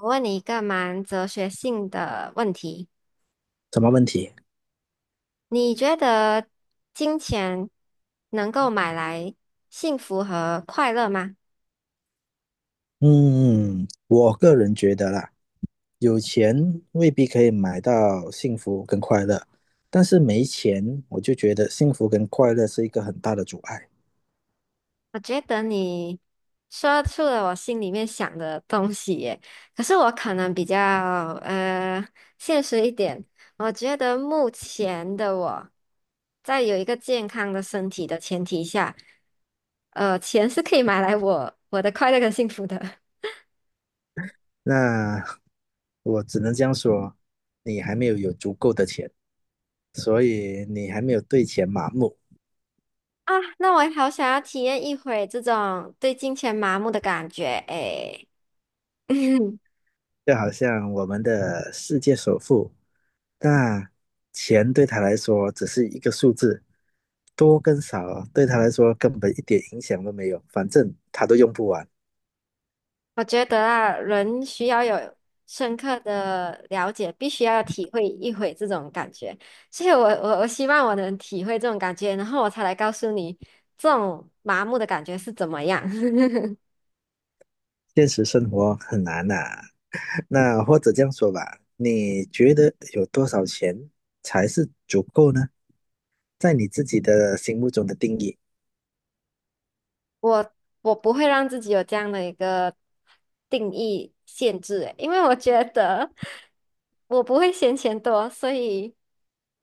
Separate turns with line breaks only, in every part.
我问你一个蛮哲学性的问题，
什么问题？
你觉得金钱能够买来幸福和快乐吗？
嗯我个人觉得啦，有钱未必可以买到幸福跟快乐，但是没钱，我就觉得幸福跟快乐是一个很大的阻碍。
我觉得你说出了我心里面想的东西耶。可是我可能比较呃现实一点，我觉得目前的我在有一个健康的身体的前提下，钱是可以买来我的快乐跟幸福的。
那我只能这样说，你还没有有足够的钱，所以你还没有对钱麻木。
啊，那我也好想要体验一回这种对金钱麻木的感觉诶。
就好像我们的世界首富，那钱对他来说只是一个数字，多跟少对他来说根本一点影响都没有，反正他都用不完。
我觉得啊，人需要有深刻的了解，必须要体会一回这种感觉。所以我，我希望我能体会这种感觉，然后我才来告诉你这种麻木的感觉是怎么样。
现实生活很难呐、那或者这样说吧，你觉得有多少钱才是足够呢？在你自己的心目中的定义。
我我不会让自己有这样的一个定义限制欸，因为我觉得我不会嫌钱多，所以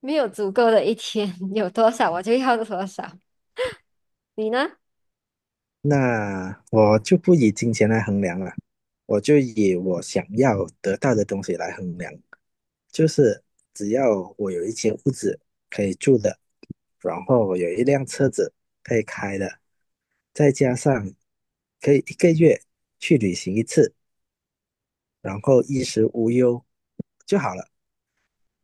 没有足够的一天，有多少我就要多少。你呢？
那我就不以金钱来衡量了，我就以我想要得到的东西来衡量，就是只要我有一间屋子可以住的，然后我有一辆车子可以开的，再加上可以一个月去旅行一次，然后衣食无忧就好了。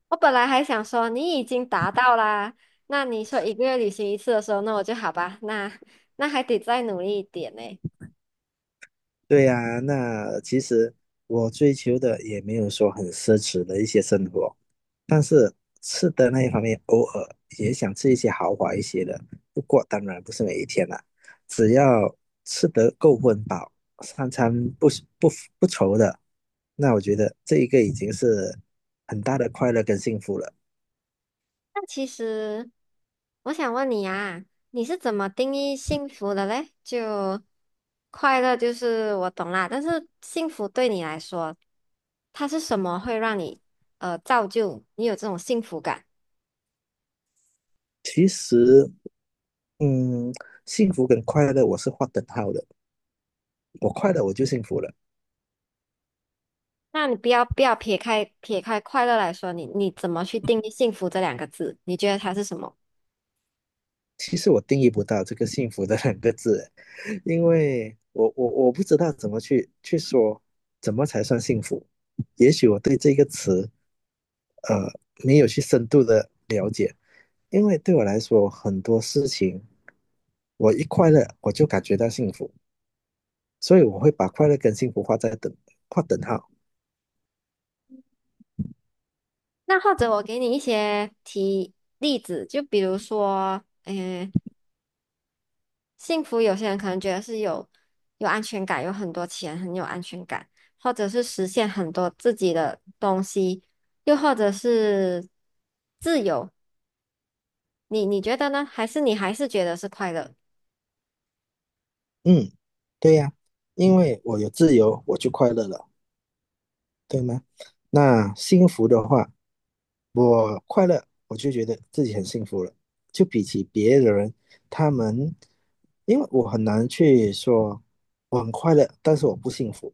我本来还想说你已经达到啦，那你说一个月旅行一次的时候，那我就好吧，那还得再努力一点呢。
对呀，那其实我追求的也没有说很奢侈的一些生活，但是吃的那一方面，偶尔也想吃一些豪华一些的。不过当然不是每一天啦，只要吃得够温饱，三餐不是不愁的，那我觉得这一个已经是很大的快乐跟幸福了。
那其实我想问你啊，你是怎么定义幸福的嘞？就快乐就是我懂啦，但是幸福对你来说，它是什么会让你造就你有这种幸福感？
其实，嗯，幸福跟快乐我是画等号的，我快乐我就幸福了。
那你不要撇开快乐来说，你怎么去定义幸福这两个字？你觉得它是什么？
其实我定义不到这个幸福的两个字，因为我不知道怎么去说，怎么才算幸福？也许我对这个词，呃，没有去深度的了解，因为对我来说，很多事情我一快乐我就感觉到幸福，所以我会把快乐跟幸福画等号。
那或者我给你一些例子，就比如说，嗯、幸福有些人可能觉得是有安全感，有很多钱，很有安全感，或者是实现很多自己的东西，又或者是自由。你觉得呢？还是你还是觉得是快乐？
嗯，对呀，因为我有自由，我就快乐了，对吗？那幸福的话，我快乐，我就觉得自己很幸福了。就比起别的人，他们，因为我很难去说我很快乐，但是我不幸福，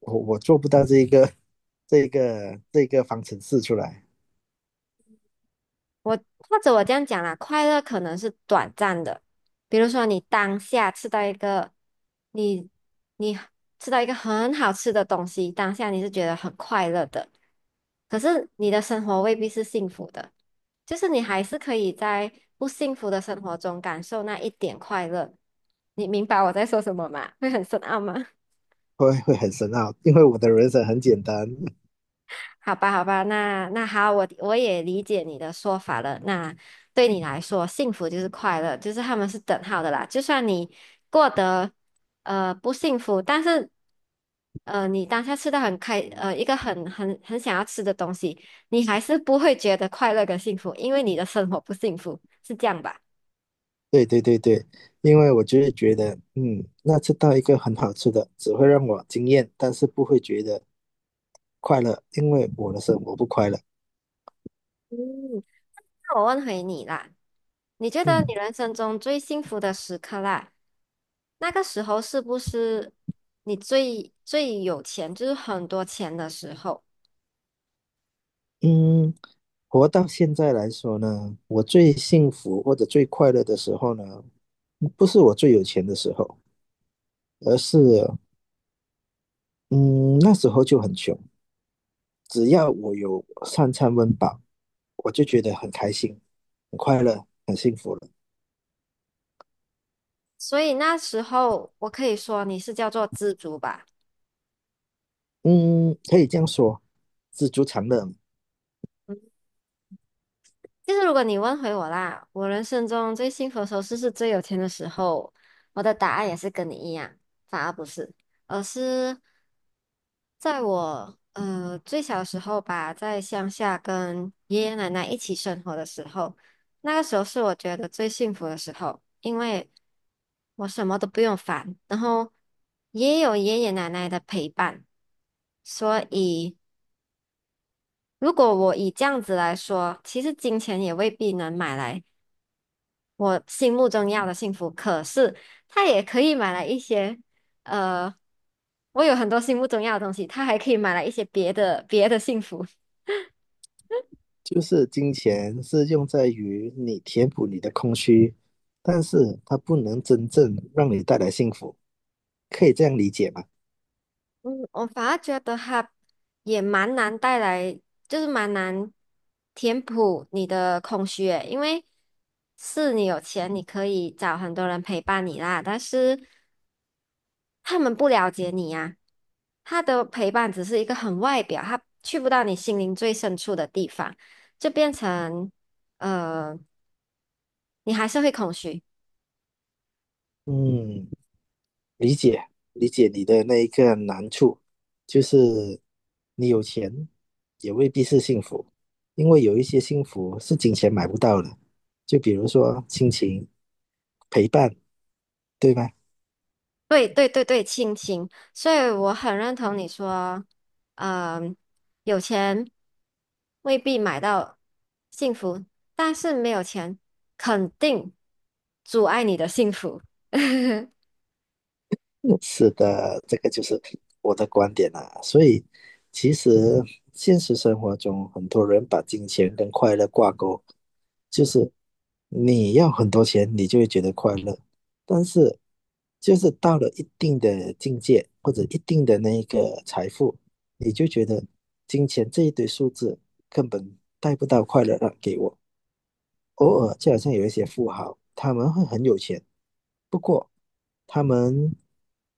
我我做不到这一个 这一个方程式出来，
我或者我这样讲啦，快乐可能是短暂的，比如说你当下吃到一个你你吃到一个很好吃的东西，当下你是觉得很快乐的，可是你的生活未必是幸福的，就是你还是可以在不幸福的生活中感受那一点快乐。你明白我在说什么吗？会很深奥吗？
会很深奥，因为我的人生很简单。
好吧，好吧，那好，我也理解你的说法了。那对你来说，幸福就是快乐，就是他们是等号的啦。就算你过得不幸福，但是你当下吃的很开，呃一个很想要吃的东西，你还是不会觉得快乐跟幸福，因为你的生活不幸福，是这样吧？
对对对对，因为我就是觉得，那吃到一个很好吃的，只会让我惊艳，但是不会觉得快乐，因为我的生活不快乐。
嗯，那我问回你啦，你觉得
嗯
你人生中最幸福的时刻啦？那个时候是不是你最有钱，就是很多钱的时候？
嗯。活到现在来说呢，我最幸福或者最快乐的时候呢，不是我最有钱的时候，而是嗯那时候就很穷，只要我有三餐温饱，我就觉得很开心、很快乐、很幸福了。
所以那时候我可以说你是叫做知足吧。
嗯，可以这样说，知足常乐嘛，
就是如果你问回我啦，我人生中最幸福的时候是不是最有钱的时候？我的答案也是跟你一样，反而不是，而是。在我最小时候吧，在乡下跟爷爷奶奶一起生活的时候，那个时候是我觉得最幸福的时候，因为我什么都不用烦，然后也有爷爷奶奶的陪伴，所以如果我以这样子来说，其实金钱也未必能买来我心目中要的幸福，可是他也可以买来一些，呃，我有很多心目中要的东西，他还可以买来一些别的幸福。
就是金钱是用在于你填补你的空虚，但是它不能真正让你带来幸福，可以这样理解吗？
嗯，我反而觉得哈，也蛮难带来，就是蛮难填补你的空虚诶，因为是你有钱，你可以找很多人陪伴你啦，但是他们不了解你呀、他的陪伴只是一个很外表，他去不到你心灵最深处的地方，就变成呃，你还是会空虚。
嗯。理解理解你的那一个难处，就是你有钱也未必是幸福，因为有一些幸福是金钱买不到的，就比如说亲情、陪伴，对吧？
对对对对，亲情。所以我很认同你说，嗯、有钱未必买到幸福，但是没有钱肯定阻碍你的幸福。
是的，这个就是我的观点啦、所以，其实现实生活中，很多人把金钱跟快乐挂钩，就是你要很多钱，你就会觉得快乐。但是，就是到了一定的境界或者一定的那一个财富，你就觉得金钱这一堆数字根本带不到快乐了给我。偶尔就好像有一些富豪，他们会很有钱，不过他们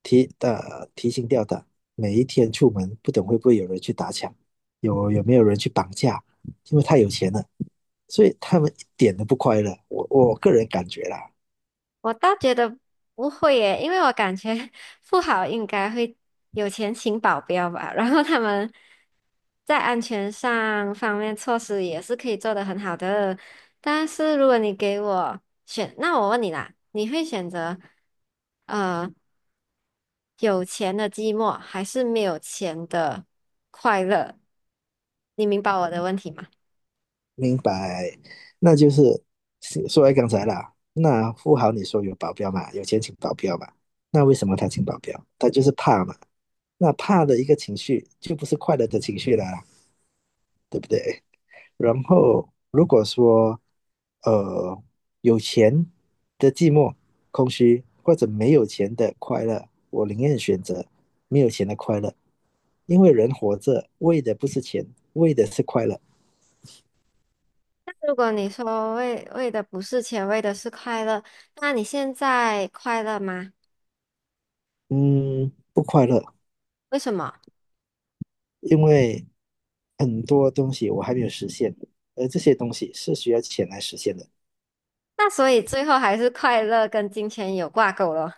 提心吊胆，每一天出门不懂会不会有人去打抢，有没有人去绑架，因为太有钱了，所以他们一点都不快乐。我个人感觉啦，
我倒觉得不会耶，因为我感觉 富豪应该会有钱请保镖吧，然后他们在安全上方面措施也是可以做得很好的。但是如果你给我选，那我问你啦，你会选择呃有钱的寂寞，还是没有钱的快乐？你明白我的问题吗？
明白，那就是是说来刚才啦，那富豪你说有保镖嘛，有钱请保镖嘛，那为什么他请保镖？他就是怕嘛，那怕的一个情绪就不是快乐的情绪了啦，对不对？然后如果说呃有钱的寂寞、空虚，或者没有钱的快乐，我宁愿选择没有钱的快乐，因为人活着为的不是钱，为的是快乐。
如果你说为的不是钱，为的是快乐，那你现在快乐吗？
嗯，不快乐，
为什么？
因为很多东西我还没有实现，而这些东西是需要钱来实现的。
那所以最后还是快乐跟金钱有挂钩咯。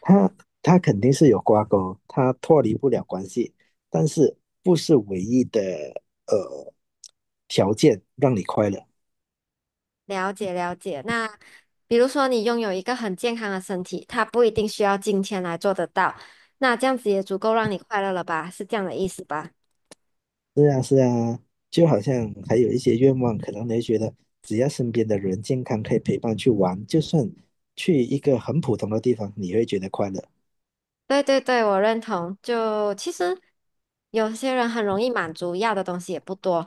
他他肯定是有挂钩，他脱离不了关系，但是不是唯一的呃条件让你快乐。
了解了解。那比如说你拥有一个很健康的身体，它不一定需要金钱来做得到，那这样子也足够让你快乐了吧？是这样的意思吧？
是啊，是啊，就好像还有一些愿望，可能你会觉得只要身边的人健康，可以陪伴去玩，就算去一个很普通的地方，你会觉得快乐。
对对对，我认同。就其实有些人很容易满足，要的东西也不多，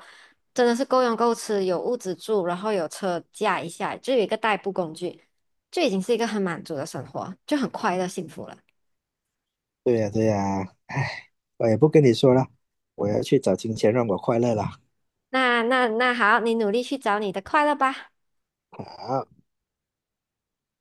真的是够用够吃，有屋子住，然后有车驾一下，就有一个代步工具，就已经是一个很满足的生活，就很快乐幸福了。
对呀，对呀，唉，我也不跟你说了，我要去找金钱让我快乐了。
那好，你努力去找你的快乐吧。
好。